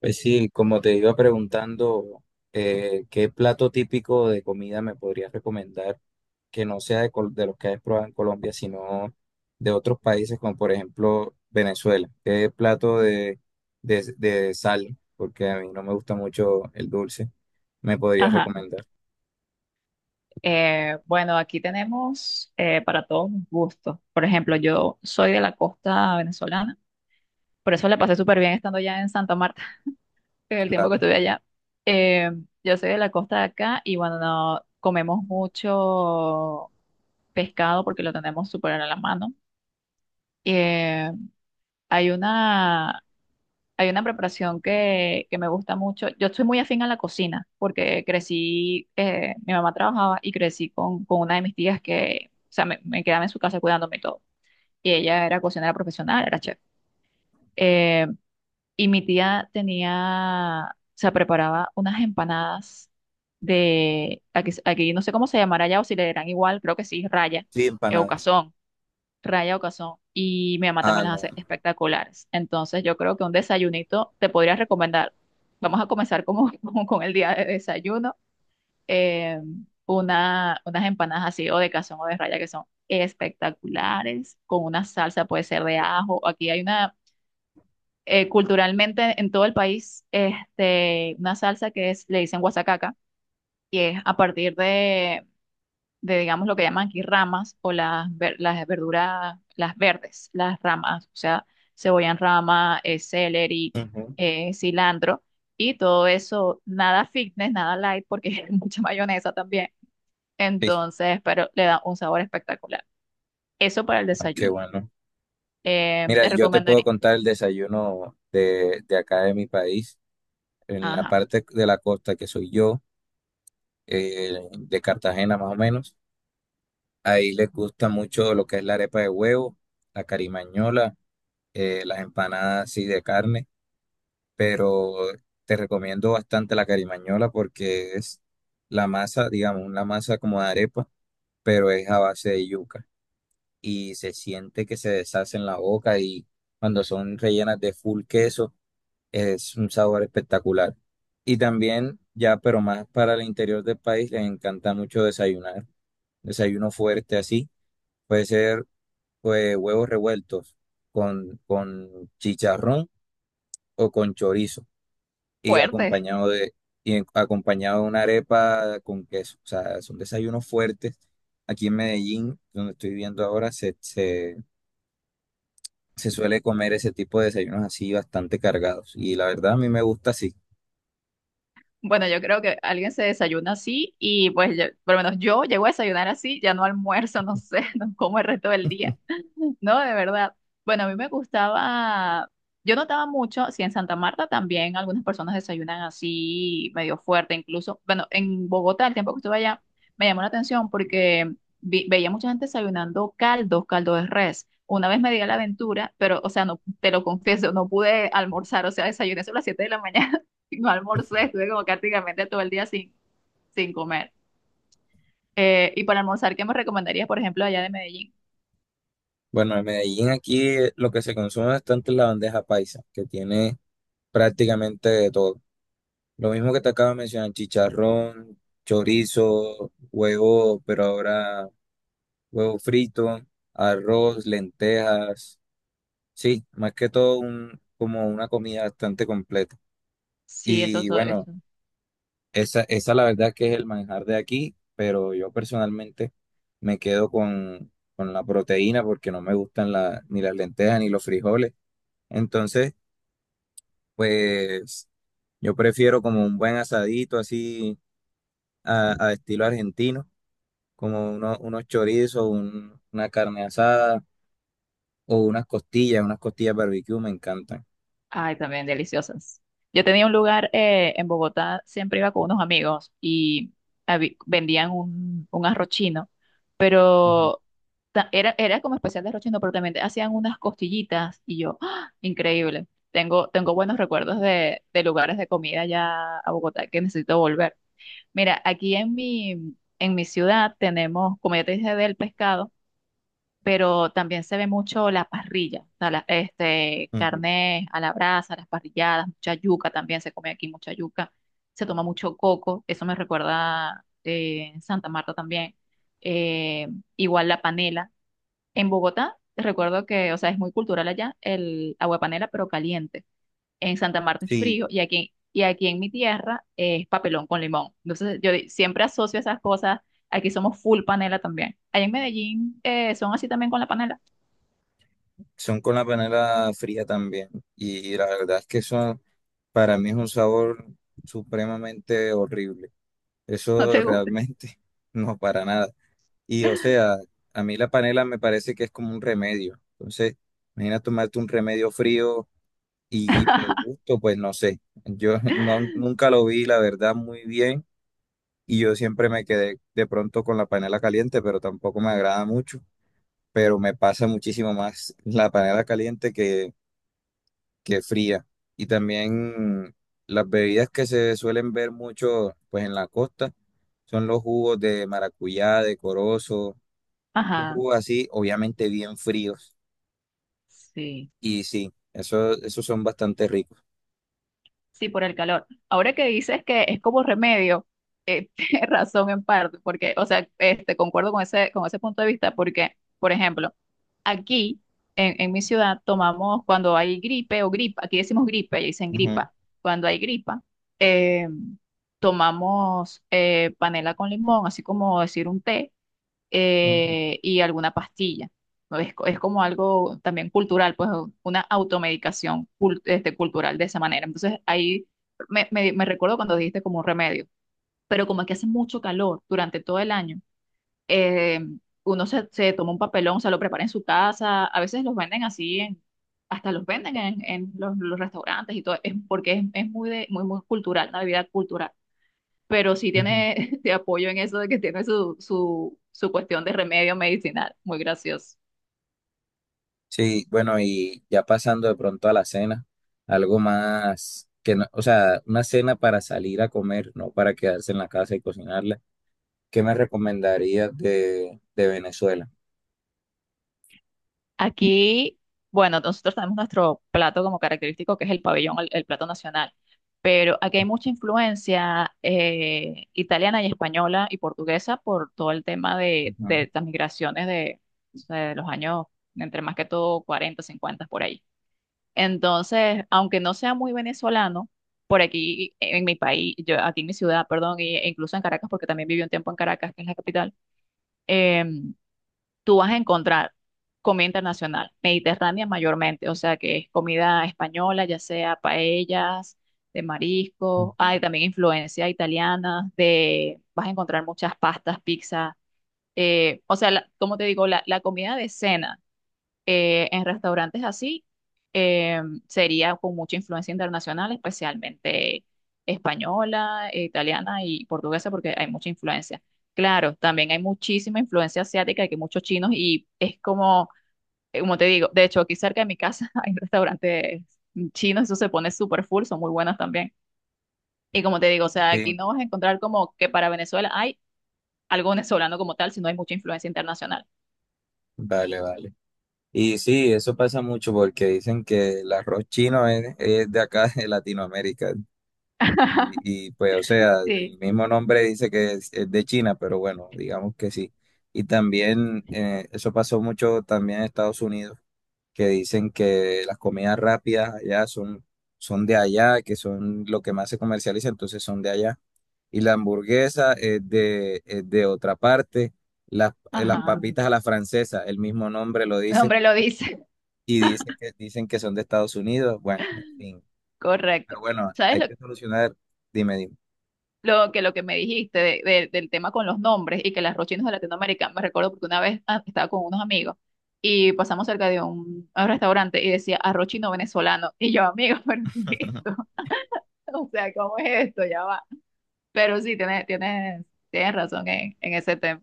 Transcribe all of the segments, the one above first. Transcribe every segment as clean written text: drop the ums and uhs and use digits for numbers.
Pues sí, como te iba preguntando, ¿qué plato típico de comida me podrías recomendar que no sea de, de los que has probado en Colombia, sino de otros países como por ejemplo Venezuela? ¿Qué plato de sal, porque a mí no me gusta mucho el dulce, me podrías Ajá. recomendar? Bueno, aquí tenemos para todos los gustos. Por ejemplo, yo soy de la costa venezolana, por eso la pasé súper bien estando ya en Santa Marta, en el tiempo que Claro. estuve allá. Eh, yo soy de la costa de acá y bueno, comemos mucho pescado porque lo tenemos súper a la mano. Eh, hay una Hay una preparación que me gusta mucho. Yo estoy muy afín a la cocina porque crecí, mi mamá trabajaba y crecí con una de mis tías que, o sea, me quedaba en su casa cuidándome y todo. Y ella era cocinera profesional, era chef. Eh, y mi tía tenía, o sea, preparaba unas empanadas de, aquí no sé cómo se llamará allá o si le dirán igual, creo que sí, raya, Sí, o empanadas. cazón, raya o cazón, y mi mamá Ah, también las no. hace espectaculares. Entonces yo creo que un desayunito te podría recomendar. Vamos a comenzar como, como con el día de desayuno. eh, unas empanadas así o de cazón o de raya, que son espectaculares, con una salsa, puede ser de ajo. Aquí hay culturalmente en todo el país, este, una salsa que es, le dicen guasacaca, que es a partir de, digamos, lo que llaman aquí ramas o las verduras, las verdes, las ramas, o sea, cebolla en rama, celery, Ujú. Cilantro y todo eso, nada fitness, nada light, porque es mucha mayonesa también. Sí. Entonces, pero le da un sabor espectacular. Eso para el Ah, qué desayuno. bueno. Mira, Te yo te puedo recomendaría, contar el desayuno de acá de mi país, en la ajá, parte de la costa que soy yo. De Cartagena más o menos. Ahí les gusta mucho lo que es la arepa de huevo, la carimañola, las empanadas así de carne, pero te recomiendo bastante la carimañola porque es la masa, digamos, una masa como de arepa, pero es a base de yuca y se siente que se deshace en la boca y cuando son rellenas de full queso es un sabor espectacular. Y también ya, pero más para el interior del país, les encanta mucho desayunar. Desayuno fuerte así. Puede ser pues, huevos revueltos con chicharrón o con chorizo y fuerte, acompañado de una arepa con queso. O sea, son desayunos fuertes. Aquí en Medellín, donde estoy viviendo ahora, se suele comer ese tipo de desayunos así bastante cargados. Y la verdad a mí me gusta así. bueno, yo creo que alguien se desayuna así y pues por lo menos yo llego a desayunar así, ya no almuerzo, no sé, no como el resto del día. No, de verdad. Bueno, a mí me gustaba, yo notaba mucho, si en Santa Marta también algunas personas desayunan así medio fuerte, incluso, bueno, en Bogotá, el tiempo que estuve allá, me llamó la atención porque veía mucha gente desayunando caldos, caldo de res. Una vez me di a la aventura, pero, o sea, no, te lo confieso, no pude almorzar, o sea, desayuné solo a las 7 de la mañana. No almorcé, estuve como prácticamente todo el día sin, comer. Y para almorzar, ¿qué me recomendarías, por ejemplo, allá de Medellín? Bueno, en Medellín aquí lo que se consume bastante es la bandeja paisa, que tiene prácticamente de todo. Lo mismo que te acabo de mencionar, chicharrón, chorizo, huevo, pero ahora huevo frito, arroz, lentejas. Sí, más que todo un, como una comida bastante completa. Sí, eso, Y eso, bueno, eso. Esa la verdad que es el manjar de aquí, pero yo personalmente me quedo con la proteína porque no me gustan ni las lentejas ni los frijoles. Entonces, pues yo prefiero como un buen asadito así a estilo argentino como unos chorizos, una carne asada o unas costillas barbecue me encantan. Ay, también deliciosas. Yo tenía un lugar, en Bogotá, siempre iba con unos amigos y vendían un arroz chino, Ujú, pero era como especial de arroz chino, pero también hacían unas costillitas y yo, ¡ah!, increíble. Tengo buenos recuerdos de lugares de comida allá, a Bogotá, que necesito volver. Mira, aquí en mi ciudad tenemos, como ya te dije, del pescado, pero también se ve mucho la parrilla, o sea, este, ujú. carne a la brasa, las parrilladas, mucha yuca también se come aquí, mucha yuca, se toma mucho coco, eso me recuerda, en Santa Marta también, eh, igual la panela. En Bogotá, recuerdo que, o sea, es muy cultural allá el agua de panela, pero caliente; en Santa Marta es Sí, frío, y aquí, en mi tierra es papelón con limón. Entonces yo siempre asocio esas cosas. Aquí somos full panela también. Allá en Medellín, son así también con la panela. son con la panela fría también. Y la verdad es que eso para mí es un sabor supremamente horrible. ¿No Eso te gusta? realmente no para nada. Y o sea, a mí la panela me parece que es como un remedio. Entonces, imagina tomarte un remedio frío y por gusto, pues no sé. Yo no, nunca lo vi, la verdad, muy bien y yo siempre me quedé de pronto con la panela caliente, pero tampoco me agrada mucho, pero me pasa muchísimo más la panela caliente que fría. Y también las bebidas que se suelen ver mucho pues en la costa son los jugos de maracuyá, de corozo, los Ajá, jugos así, obviamente bien fríos. sí, Y sí, eso, esos son bastante ricos. sí, por el calor. Ahora que dices que es como remedio, tienes razón en parte, porque, o sea, este, concuerdo con ese, punto de vista, porque, por ejemplo, aquí, en mi ciudad, tomamos cuando hay gripe o gripa, aquí decimos gripe, y dicen gripa, cuando hay gripa, eh, tomamos, panela con limón, así como decir un té, Ujú, ujú, y alguna pastilla. ¿No? Es como algo también cultural, pues una automedicación, este, cultural de esa manera. Entonces ahí me recuerdo cuando dijiste como un remedio, pero como aquí hace mucho calor durante todo el año, eh, uno se, toma un papelón, se lo prepara en su casa, a veces los venden así, hasta los venden en, los restaurantes y todo, es porque es muy, muy, muy cultural, una bebida cultural. Pero sí ujú. tiene, te apoyo en eso de que tiene su, cuestión de remedio medicinal, muy gracioso. Sí, bueno, y ya pasando de pronto a la cena, algo más que no, o sea, una cena para salir a comer, no para quedarse en la casa y cocinarla. ¿Qué me recomendarías de Venezuela? Aquí, bueno, nosotros tenemos nuestro plato como característico, que es el pabellón, el, plato nacional, pero aquí hay mucha influencia, italiana y española y portuguesa, por todo el tema de, Ujú, de las migraciones de, o sea, de los años, entre más que todo cuarenta, cincuenta, por ahí. Entonces, aunque no sea muy venezolano, por aquí en mi país, yo, aquí en mi ciudad, perdón, e incluso en Caracas, porque también viví un tiempo en Caracas, que es la capital. em, Tú vas a encontrar comida internacional, mediterránea mayormente, o sea que es comida española, ya sea paellas, de mariscos; ujú. hay también influencia italiana, vas a encontrar muchas pastas, pizza, o sea, como te digo, la comida de cena, en restaurantes así, eh, sería con mucha influencia internacional, especialmente española, italiana y portuguesa, porque hay mucha influencia. Claro, también hay muchísima influencia asiática, que muchos chinos, y es como, como te digo, de hecho aquí cerca de mi casa hay restaurantes chinos, eso se pone súper full, son muy buenos también. Y como te digo, o sea, aquí Sí, no vas a encontrar como que para Venezuela hay algo venezolano como tal, sino hay mucha influencia internacional. vale, vale. Y sí, eso pasa mucho porque dicen que el arroz chino es de acá, de Latinoamérica. Y, pues, o sea, Sí. el mismo nombre dice que es de China, pero bueno, digamos que sí. Y también eso pasó mucho también en Estados Unidos que dicen que las comidas rápidas allá son, son de allá, que son lo que más se comercializa, entonces son de allá. Y la hamburguesa es de otra parte. Las Ujú. Ajá, Papitas a la francesa, el mismo nombre lo el dice, hombre lo dice, y dice que, dicen que son de Estados Unidos. Bueno, en fin. correcto. Pero bueno, ¿Sabes hay lo, que solucionar. Dime, dime. lo que me dijiste del tema con los nombres y que las rochinos de Latinoamérica? Me recuerdo porque una vez, estaba con unos amigos y pasamos cerca de un restaurante y decía arrochino venezolano. Y yo, amigo, ¿pero qué es esto? O sea, ¿cómo es esto? Ya va. Pero sí, tienes, razón en ese tema.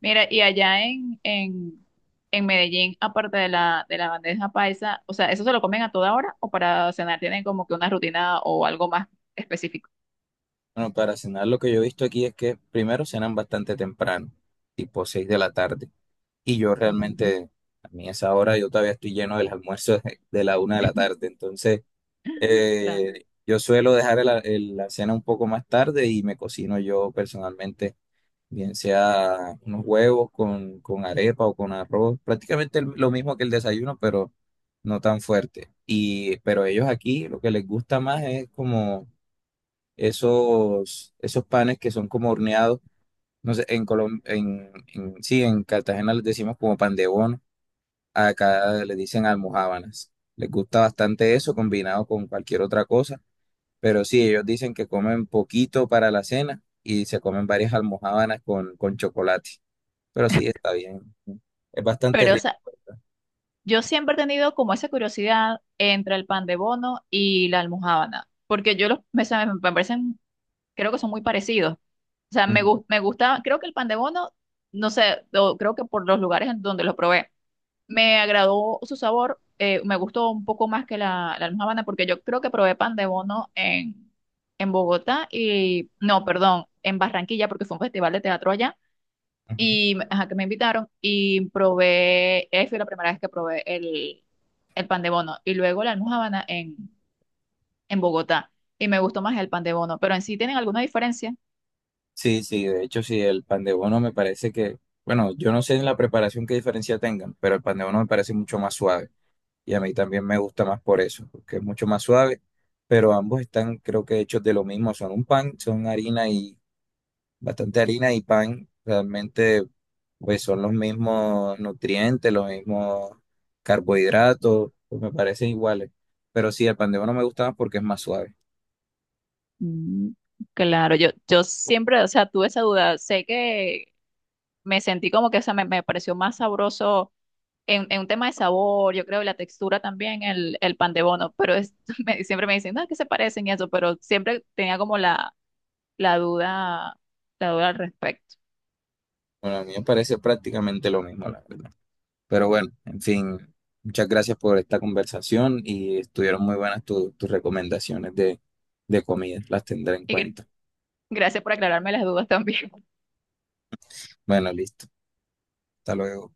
Mira, y allá en, Medellín, aparte de la bandeja paisa, o sea, ¿eso se lo comen a toda hora o para cenar tienen como que una rutina o algo más específico? Bueno, para cenar lo que yo he visto aquí es que primero cenan bastante temprano, tipo 6 de la tarde. Y yo Ujú, realmente, a mí a esa hora yo todavía estoy lleno del almuerzo de la una de la tarde. Entonces, claro. Yo suelo dejar la cena un poco más tarde y me cocino yo personalmente, bien sea unos huevos con arepa o con arroz, prácticamente lo mismo que el desayuno, pero no tan fuerte. Y, pero ellos aquí lo que les gusta más es como esos panes que son como horneados. No sé, en Colombia, sí, en Cartagena les decimos como pan de bono. Acá le dicen almojábanas. Les gusta bastante eso combinado con cualquier otra cosa, pero sí, ellos dicen que comen poquito para la cena y se comen varias almojábanas con chocolate. Pero sí, está bien. Es bastante Pero, o rico. sea, yo siempre he tenido como esa curiosidad entre el pan de bono y la almojábana, porque yo me parecen, creo que son muy parecidos. O sea, Ujú, me gusta, creo que el pan de bono, no sé, o creo que por los lugares en donde lo probé. Me agradó su sabor, me gustó un poco más que la, almojábana, porque yo creo que probé pan de bono en Bogotá y, no, perdón, en Barranquilla, porque fue un festival de teatro allá ujú. y ajá, que me invitaron y probé, fue la primera vez que probé el, pan de bono, y luego la almojábana en Bogotá, y me gustó más el pan de bono, pero en sí tienen alguna diferencia. Sí, sí, de hecho, sí, el pan de bono me parece que, bueno, yo no sé en la preparación qué diferencia tengan, pero el pan de bono me parece mucho más suave y a mí también me gusta más por eso, porque es mucho más suave, pero ambos están, creo que hechos de lo mismo, son un pan, son harina y bastante harina y pan realmente pues son los mismos nutrientes, los mismos carbohidratos, pues me parecen iguales. Pero sí, el pan de bono me gusta más porque es más suave. Mm, claro, yo siempre, o sea, tuve esa duda, sé que me sentí como que, o sea, me pareció más sabroso en, un tema de sabor, yo creo, y la textura también, el pan de bono, pero siempre me dicen, no, que se parecen y eso, pero siempre tenía como la, duda, la duda al respecto. Bueno, a mí me parece prácticamente lo mismo, la verdad. Pero bueno, en fin, muchas gracias por esta conversación y estuvieron muy buenas tus recomendaciones de comida, las tendré en Y cuenta. gracias por aclararme las dudas también. Bueno, listo. Hasta luego.